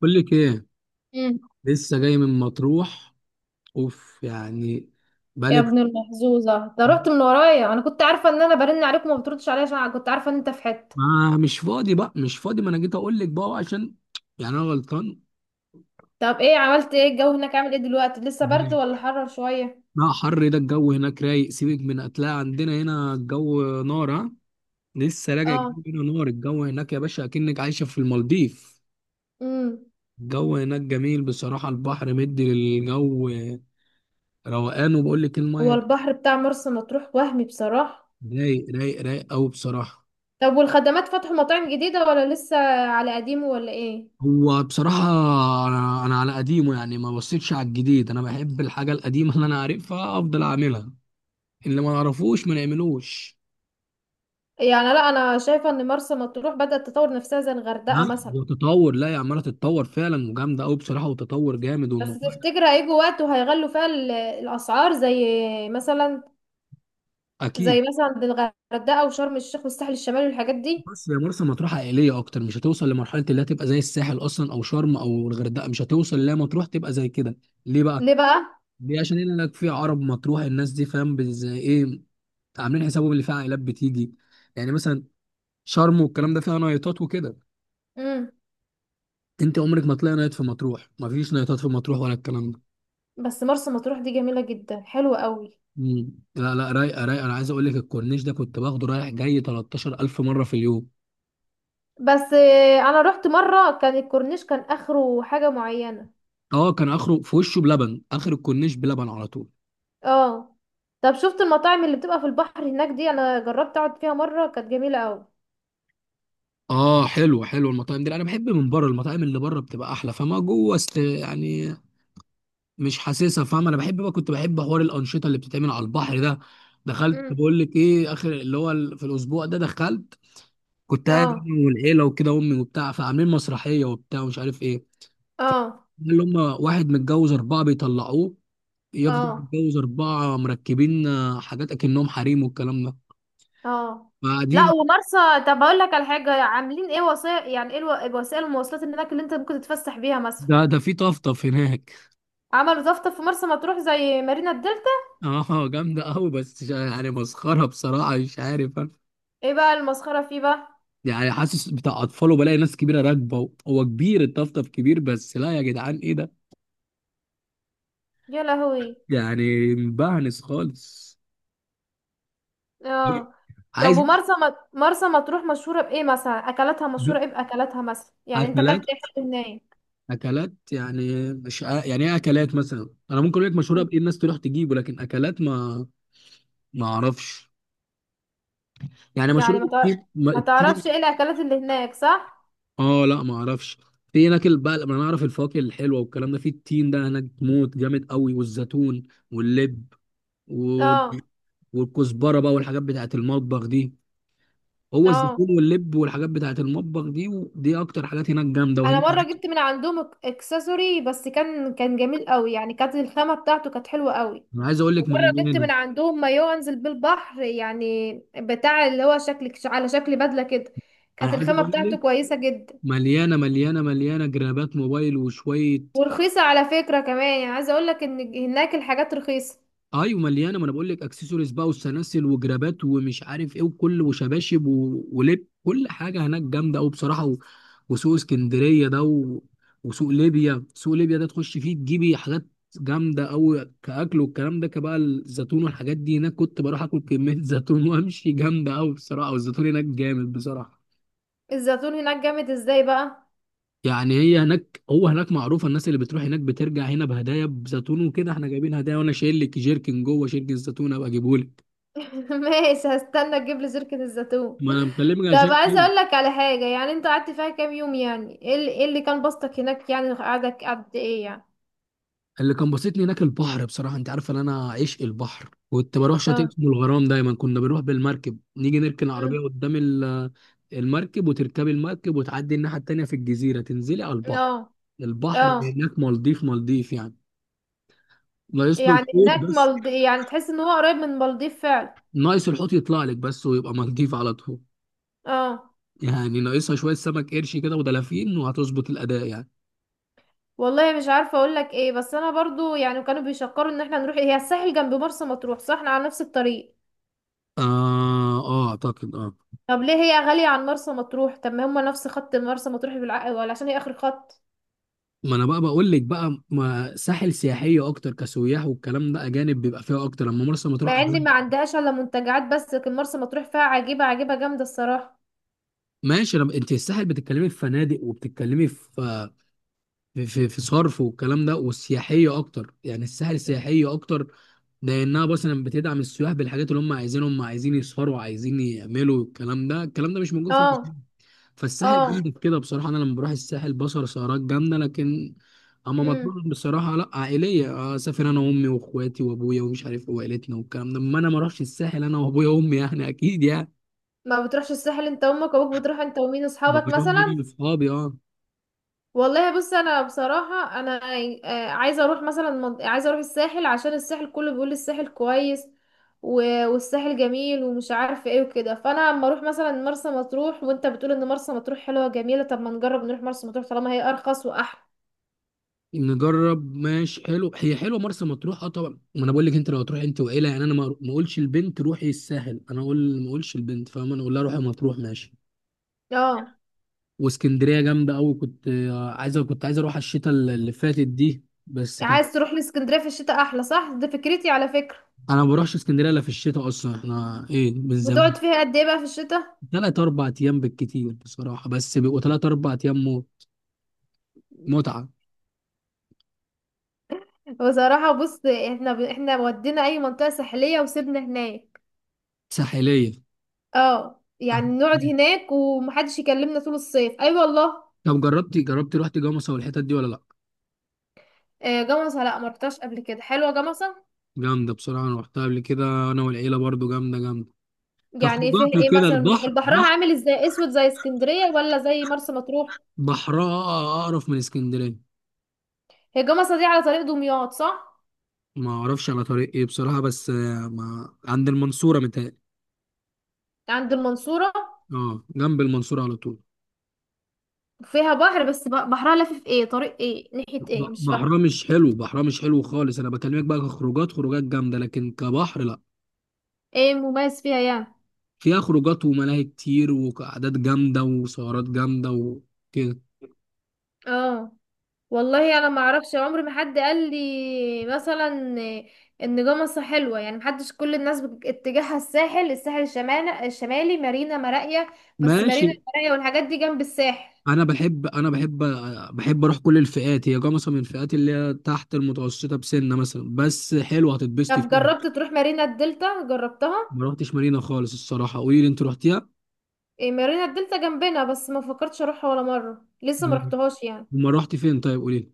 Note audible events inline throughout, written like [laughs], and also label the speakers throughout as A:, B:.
A: بقول لك ايه،
B: مم.
A: لسه جاي من مطروح. اوف يعني،
B: يا
A: بقالي.
B: ابن المحظوظة ده رحت من ورايا، انا كنت عارفة ان انا برن عليك وما بتردش عليا عشان كنت عارفة ان انت في حتة.
A: ما مش فاضي بقى، مش فاضي، ما انا جيت اقول لك بقى عشان يعني انا غلطان.
B: طب ايه عملت؟ ايه الجو هناك؟ عامل ايه دلوقتي؟ لسه برد
A: مم.
B: ولا حرر شوية؟
A: لا حر، ده الجو هناك رايق. سيبك، من هتلاقي عندنا هنا الجو نار، ها. لسه راجع
B: اه.
A: جايب هنا نار، الجو هناك يا باشا اكنك عايشه في المالديف.
B: امم
A: الجو هناك جميل بصراحه، البحر مدي للجو، روقان، وبقول لك
B: هو
A: الميه
B: البحر بتاع مرسى مطروح وهمي بصراحة.
A: رايق، رايق، رايق قوي بصراحه.
B: طب والخدمات، فتحوا مطاعم جديدة ولا لسه على قديمه ولا ايه؟
A: هو بصراحة أنا على قديمه يعني، ما بصيتش على الجديد. أنا بحب الحاجة القديمة اللي أنا عارفها، أفضل أعملها، اللي ما نعرفوش ما نعملوش.
B: يعني لا، انا شايفة ان مرسى مطروح بدأت تطور نفسها زي
A: لا،
B: الغردقة مثلا.
A: وتطور؟ لا، هي عمالة تتطور فعلا وجامدة أوي بصراحة، وتطور جامد
B: بس
A: والموضوع
B: تفتكر هيجوا وقت وهيغلوا فيها الاسعار، مثلا
A: أكيد.
B: زي مثلا عند الغردقة وشرم الشيخ والساحل الشمالي والحاجات دي؟
A: بس هي مرسى مطروح عائلية أكتر، مش هتوصل لمرحلة اللي هتبقى زي الساحل أصلا، أو شرم أو الغردقة. مش هتوصل، لا مطروح تبقى زي كده. ليه بقى؟
B: ليه بقى؟
A: ليه؟ عشان هنا لك في عرب مطروح، الناس دي فاهم زي إيه، عاملين حسابهم اللي فيها عائلات بتيجي. يعني مثلا شرم والكلام ده فيها نايتات وكده،
B: امم
A: انت عمرك ما تلاقي نايت في مطروح، مفيش نايتات في مطروح ولا الكلام ده.
B: بس مرسى مطروح دي جميلة جدا، حلوة قوي.
A: مم. لا لا، رايقه رايقه. انا عايز اقول لك الكورنيش ده كنت باخده رايح جاي 13,000 مره في اليوم.
B: بس انا رحت مرة كان الكورنيش كان اخره حاجة معينة.
A: اه، كان اخره في وشه بلبن، اخر الكورنيش بلبن على طول.
B: اه. طب شفت المطاعم اللي بتبقى في البحر هناك دي؟ انا جربت اقعد فيها مرة كانت جميلة قوي.
A: اه، حلو حلو المطاعم دي. انا بحب من بره، المطاعم اللي بره بتبقى احلى، فما جوه است يعني، مش حاسسها، فاهم. انا بحب بقى، كنت بحب حوار الانشطه اللي بتتعمل على البحر ده. دخلت
B: امم
A: بقول لك ايه، اخر اللي هو في الاسبوع ده دخلت، كنت قاعد
B: اه،
A: انا والعيله وكده، امي وبتاع، فعاملين مسرحيه وبتاع ومش عارف ايه،
B: اه،
A: اللي هم واحد متجوز أربعة بيطلعوه، يفضل
B: اه،
A: متجوز أربعة مركبين حاجات أكنهم حريم والكلام ده،
B: اه. لا
A: فقاعدين.
B: ومرسى. طب اقول لك على حاجة، عاملين ايه وسائل؟ يعني ايه وسائل المواصلات اللي هناك اللي انت ممكن تتفسح بيها مثلا؟
A: ده ده في طفطف هناك.
B: عملوا دفتر في مرسى مطروح زي مارينا الدلتا.
A: [laughs] اه جامدة أوي بس يعني مسخرة بصراحة، مش عارف أنا.
B: ايه بقى المسخرة فيه بقى؟
A: يعني حاسس بتاع أطفال، وبلاقي ناس كبيرة راكبة، هو كبير، الطفطف كبير بس، لا يا جدعان إيه ده،
B: يا لهوي!
A: يعني مبهنس خالص.
B: اه. طب
A: عايز
B: مرسى مطروح مشهورة بإيه مثلا؟ أكلاتها مشهورة إيه؟ بأكلاتها مثلا، يعني أنت
A: أكلات.
B: أكلت إيه حلو هناك؟
A: أكلات يعني مش ع- يعني إيه أكلات مثلا. أنا ممكن أقول لك مشهورة
B: مم.
A: بإيه الناس تروح تجيبه، لكن أكلات ما ما اعرفش. يعني مشهوره
B: يعني ما تع-
A: بالتين،
B: ما تعرفش
A: التين.
B: إيه الأكلات اللي هناك، صح؟
A: اه، لا ما اعرفش. في هناك بقى انا اعرف الفواكه الحلوه والكلام ده، في التين ده هناك موت، جامد قوي، والزيتون واللب وال-
B: اه،
A: والكزبره بقى، والحاجات بتاعت المطبخ دي. هو
B: اه.
A: الزيتون واللب والحاجات بتاعت المطبخ دي، ودي اكتر حاجات هناك جامده،
B: أنا
A: وهنا
B: مرة جبت من عندهم إكسسوري، بس كان جميل قوي، يعني كانت الخامة بتاعته كانت حلوة قوي.
A: انا عايز اقول لك
B: ومرة جبت
A: مليانه.
B: من عندهم مايو أنزل بالبحر، يعني بتاع اللي هو شكل، على شكل بدلة كده.
A: انا
B: كانت
A: عايز
B: الخامة
A: اقول
B: بتاعته
A: لك
B: كويسة جدا.
A: مليانه مليانه مليانه، جرابات موبايل وشويه.
B: ورخيصة على فكرة كمان، يعني عايزة اقولك ان هناك الحاجات رخيصة.
A: ايوه مليانه، ما انا بقول لك اكسسوارز بقى، وسلاسل وجرابات ومش عارف ايه، وكل، وشباشب ولب، كل حاجه هناك جامده قوي بصراحه، وسوق اسكندريه ده، وسوق ليبيا، سوق ليبيا ده تخش فيه تجيبي حاجات جامده قوي. كاكل والكلام ده كبقى الزيتون والحاجات دي هناك، كنت بروح اكل كميه [laughs] زيتون وامشي، جامده قوي بصراحه، والزيتون هناك جامد بصراحه.
B: الزيتون هناك جامد ازاي بقى؟
A: يعني هي هناك، هو هناك معروفه، الناس اللي بتروح هناك بترجع هنا بهدايا بزيتون وكده. احنا جايبين هدايا، وانا شايل لك جيركن جوه، شيركن الزيتون ابقى اجيبهولك،
B: [laughs] ماشي، هستنى تجيب لي زركة الزيتون.
A: ما انا مكلمك
B: طب
A: عشان
B: عايزة
A: كده.
B: اقولك على حاجة، يعني انت قعدت فيها كام يوم؟ يعني إيه اللي كان بسطك هناك؟ يعني قعدك قد ايه يعني؟
A: اللي كان بسطني هناك البحر بصراحه، انت عارف ان انا عشق البحر. كنت بروح شاطئ
B: اه.
A: اسمه الغرام دايما، كنا بنروح بالمركب، نيجي نركن
B: أمم.
A: العربيه قدام المركب، وتركبي المركب، وتعدي الناحيه التانيه في الجزيره، تنزلي على
B: اه.
A: البحر. البحر
B: اه.
A: هناك مالديف، مالديف يعني، ناقص له
B: يعني
A: الحوت
B: هناك
A: بس.
B: يعني تحس ان هو قريب من المالديف فعلا؟
A: ناقص الحوت يطلع لك بس ويبقى مالديف على طول.
B: اه.
A: يعني ناقصها شويه سمك قرش كده ودلافين، وهتظبط الاداء يعني.
B: والله مش عارفة اقولك ايه، بس انا برضو يعني كانوا بيشكروا ان احنا نروح. هي الساحل جنب مرسى مطروح صح؟ احنا على نفس الطريق.
A: اه اه، اعتقد اه.
B: طب ليه هي غالية عن مرسى مطروح؟ طب ما هما نفس خط مرسى مطروح بالعقل، ولا عشان هي آخر خط؟
A: ما انا بقى بقول لك بقى، ما ساحل سياحيه اكتر، كسياح والكلام ده، اجانب بيبقى فيها اكتر. اما مرسى مطروح
B: مع ان
A: أجانب.
B: ما عندهاش الا منتجعات بس، لكن مرسى مطروح فيها عجيبة، عجيبة جامدة الصراحة.
A: ماشي. أنا... انت الساحل بتتكلمي في فنادق، وبتتكلمي في في صرف والكلام ده والسياحيه اكتر. يعني الساحل سياحيه اكتر، لانها مثلا بتدعم السياح بالحاجات اللي هم عايزينهم. هم عايزين يسهروا، عايزين يعملوا الكلام ده، الكلام ده مش موجود
B: اه،
A: في، فالساحل
B: اه.
A: جامد كده بصراحة. أنا لما بروح الساحل بصر سهرات جامدة، لكن أما
B: امم
A: مطلوب بصراحة لأ، عائلية. أسافر أنا وأمي وإخواتي وأبويا ومش عارف إيه، وعيلتنا والكلام ده. أما أنا ما أروحش الساحل أنا وأبويا وأمي، يعني أكيد يعني.
B: ما بتروحش الساحل انت وامك وابوك؟ بتروح انت ومين، اصحابك
A: بروح أنا
B: مثلا؟
A: وأصحابي أه.
B: والله بص، انا بصراحه انا عايزه اروح الساحل عشان الساحل كله بيقول الساحل كويس. والساحل جميل ومش عارفه ايه وكده، فانا اما اروح مثلا مرسى مطروح وانت بتقول ان مرسى مطروح حلوه جميله، طب ما نجرب نروح مرسى مطروح طالما هي ارخص واحلى.
A: نجرب، ماشي، حلو، هي حلوة مرسى مطروح أه طبعا. ما أنا بقول لك، أنت لو هتروح أنت وعيلة يعني، أنا ما ما أقولش البنت روحي الساحل. أنا أقول، ما أقولش البنت، فاهم، أنا أقول لها روحي مطروح ماشي.
B: اه،
A: واسكندرية جامدة أوي. كنت عايز، كنت عايز أروح الشتاء اللي فاتت دي بس كان.
B: عايز تروح لاسكندريه في الشتاء؟ احلى صح، دي فكرتي على فكره.
A: انا ما بروحش اسكندريه الا في الشتاء اصلا، احنا ايه من
B: بتقعد
A: زمان.
B: فيها قد ايه بقى في الشتاء؟
A: ثلاث اربع ايام بالكتير بصراحه، بس بيبقوا ثلاث اربع ايام موت متعه.
B: بصراحه بص، احنا احنا ودينا اي منطقه ساحليه وسيبنا هناك.
A: ساحليه.
B: اه، يعني
A: آه.
B: نقعد هناك ومحدش يكلمنا طول الصيف، اي أيوة والله.
A: طب جربتي، جربتي، رحتي جمصة والحتت دي ولا لا؟
B: جمصة، لا ما رحتهاش قبل كده. حلوة جمصة؟
A: جامده بصراحه، انا رحتها قبل كده انا والعيله برضو، جامده جامده.
B: يعني ايه فيها
A: كخروجات
B: ايه
A: وكده،
B: مثلا مختلف؟
A: البحر
B: بحرها
A: بحر،
B: عامل ازاي، اسود زي اسكندرية ولا زي مرسى مطروح؟
A: بحرها اقرف من اسكندريه.
B: هي جمصة دي على طريق دمياط صح؟
A: ما اعرفش على طريق ايه بصراحه، بس ما عند المنصوره متهيألي.
B: عند المنصورة.
A: اه، جنب المنصوره على طول.
B: فيها بحر، بس بحرها لافف ايه؟ طريق ايه؟ ناحية ايه؟ مش فاهمة.
A: بحرها مش حلو، بحرها مش حلو خالص. انا بكلمك بقى كخروجات، خروجات جامده، لكن كبحر لا.
B: ايه مميز فيها يعني؟
A: فيها خروجات وملاهي كتير، وقعدات جامده، وسهرات جامده وكده.
B: اه، والله انا ما اعرفش، عمر ما حد قال لي مثلا ان جمصة حلوه. يعني محدش، كل الناس اتجاهها الساحل الشمالي، مارينا مراقية. بس
A: ماشي.
B: مارينا مراقية والحاجات دي جنب الساحل.
A: انا بحب، بحب اروح كل الفئات، هي جا مثلا من الفئات اللي هي تحت المتوسطه بسنه مثلا، بس حلوه هتتبسطي
B: طب
A: فيها.
B: جربت تروح مارينا الدلتا، جربتها؟
A: ما رحتش مارينا خالص الصراحه، قولي لي انت رحتيها؟
B: إيه، مارينا الدلتا جنبنا بس ما فكرتش اروحها ولا مره، لسه ما
A: مم.
B: رحتهاش يعني.
A: وما رحت فين طيب، قولي لي.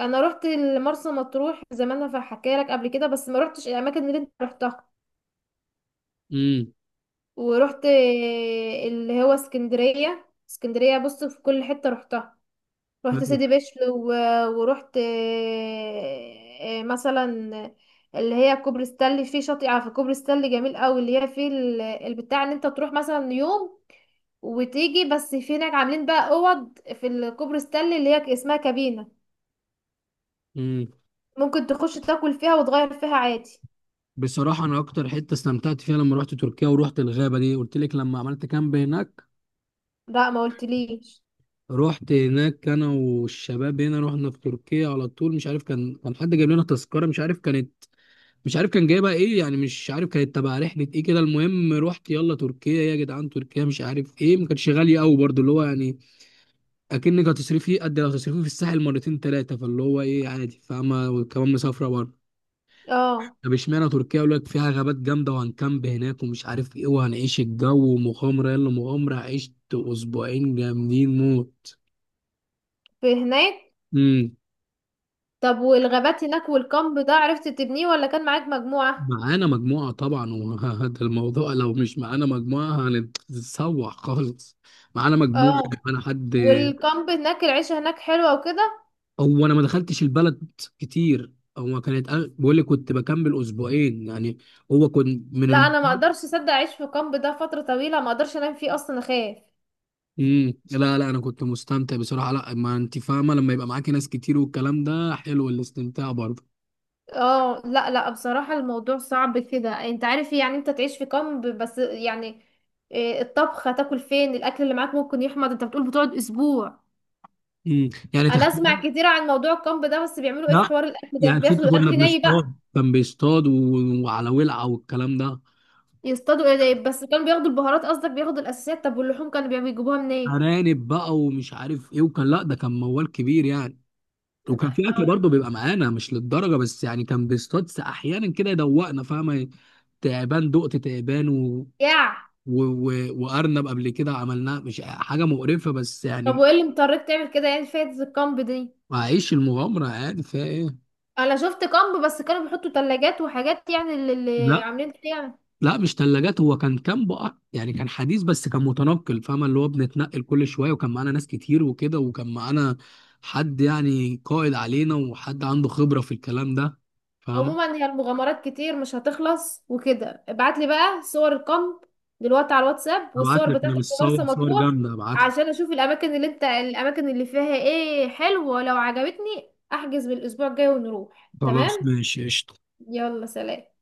B: انا روحت مرسى مطروح زمان، انا حكيت لك قبل كده، بس ما روحتش الاماكن اللي انت روحتها.
A: امم،
B: ورحت اللي هو اسكندريه. اسكندريه بص، في كل حته روحتها. رحت
A: حلو.
B: سيدي بشر ورحت مثلا اللي هي كوبري ستانلي، في شاطئ في كوبري ستانلي جميل قوي، اللي هي في البتاع ان انت تروح مثلا يوم وتيجي. بس في هناك عاملين بقى اوض في الكوبري ستانلي اللي هي اسمها كابينة.
A: مم.
B: ممكن تخش تاكل فيها وتغير فيها عادي.
A: بصراحة أنا أكتر حتة استمتعت فيها لما رحت تركيا، ورحت الغابة دي، قلت لك لما عملت كامب هناك.
B: لا، ما قلتليش.
A: رحت هناك أنا والشباب، هنا رحنا في تركيا على طول. مش عارف، كان حد جايب لنا تذكرة، مش عارف كانت، مش عارف كان جايبها إيه يعني. مش عارف كانت تبع رحلة إيه كده، المهم رحت. يلا تركيا يا جدعان، تركيا مش عارف إيه، ما كانتش غالية أوي برضه، اللي هو يعني أكنك هتصرفي قد لو هتصرفي في الساحل مرتين تلاتة، فاللي هو إيه، عادي فاهمة، وكمان مسافرة برضه.
B: اه.
A: طب اشمعنى تركيا؟ يقول لك فيها غابات جامده، وهنكامب هناك ومش عارف ايه، وهنعيش الجو ومغامره. يلا مغامره، عشت اسبوعين جامدين موت.
B: في هناك.
A: امم.
B: طب والغابات هناك والكامب ده، عرفت تبنيه ولا كان معاك مجموعة؟
A: معانا مجموعه طبعا، وهذا [laughs] الموضوع، لو مش معانا مجموعه هنتسوح خالص. معانا مجموعه،
B: اه،
A: معانا حد.
B: والكامب هناك، العيشة هناك حلوة وكده.
A: او انا ما دخلتش البلد كتير، هو كانت، بقول لي كنت بكمل اسبوعين يعني. هو كنت
B: لا انا ما اقدرش اصدق اعيش في كامب ده فتره طويله، ما اقدرش انام فيه اصلا، اخاف.
A: مم. لا لا، انا كنت مستمتع بصراحه. لا، ما انت فاهمه، لما يبقى معاكي ناس كتير والكلام ده حلو الاستمتاع برضه.
B: اه، لا، لا، بصراحه الموضوع صعب كده. انت عارف إيه؟ يعني انت تعيش في كامب بس يعني. الطبخ، هتاكل فين؟ الاكل اللي معاك ممكن يحمض، انت بتقول بتقعد اسبوع.
A: مم. يعني
B: انا
A: تخيل.
B: اسمع كتير عن موضوع الكامب ده، بس بيعملوا ايه في
A: لا
B: حوار الاكل ده؟
A: يعني ست،
B: بياخدوا
A: كنا
B: الاكل ني بقى؟
A: بنصطاد، كان بيصطاد وعلى ولعه والكلام ده.
B: يصطادوا ايه ده؟ بس كانوا بياخدوا البهارات قصدك؟ بياخدوا الاساسيات؟ طب واللحوم كانوا بيجيبوها منين إيه؟
A: ارانب بقى ومش عارف ايه، وكان، لا ده كان موال كبير يعني. وكان في اكل
B: اه.
A: برضه بيبقى معانا، مش للدرجه بس يعني. كان بيصطاد احيانا كده يدوقنا، فاهمه، تعبان دقت تعبان
B: يا
A: و... و... وارنب قبل كده عملناه، مش حاجه مقرفه بس
B: طب
A: يعني.
B: وايه اللي مضطرك تعمل كده؟ يعني فايدة الكامب دي؟
A: هعيش المغامره، عادي فيها ايه؟
B: انا شفت كامب بس كانوا بيحطوا ثلاجات وحاجات، يعني اللي
A: لا
B: عاملين كده يعني.
A: لا، مش ثلاجات، هو كان كامب يعني. كان حديث بس كان متنقل، فاهمة، اللي هو بنتنقل كل شوية، وكان معانا ناس كتير وكده، وكان معانا حد يعني قائد علينا، وحد عنده خبرة في الكلام ده، فاهمة.
B: عموما هي المغامرات كتير مش هتخلص وكده، ابعت لي بقى صور الكامب دلوقتي على الواتساب،
A: هبعت
B: والصور
A: لك، انا
B: بتاعتك
A: مش
B: في مرسى
A: صور، صور
B: مطروح،
A: جامدة هبعت لك.
B: عشان اشوف الاماكن اللي انت الاماكن اللي فيها ايه حلوه، لو عجبتني احجز بالاسبوع الجاي ونروح،
A: خلاص
B: تمام.
A: ماشي قشطة.
B: يلا سلام.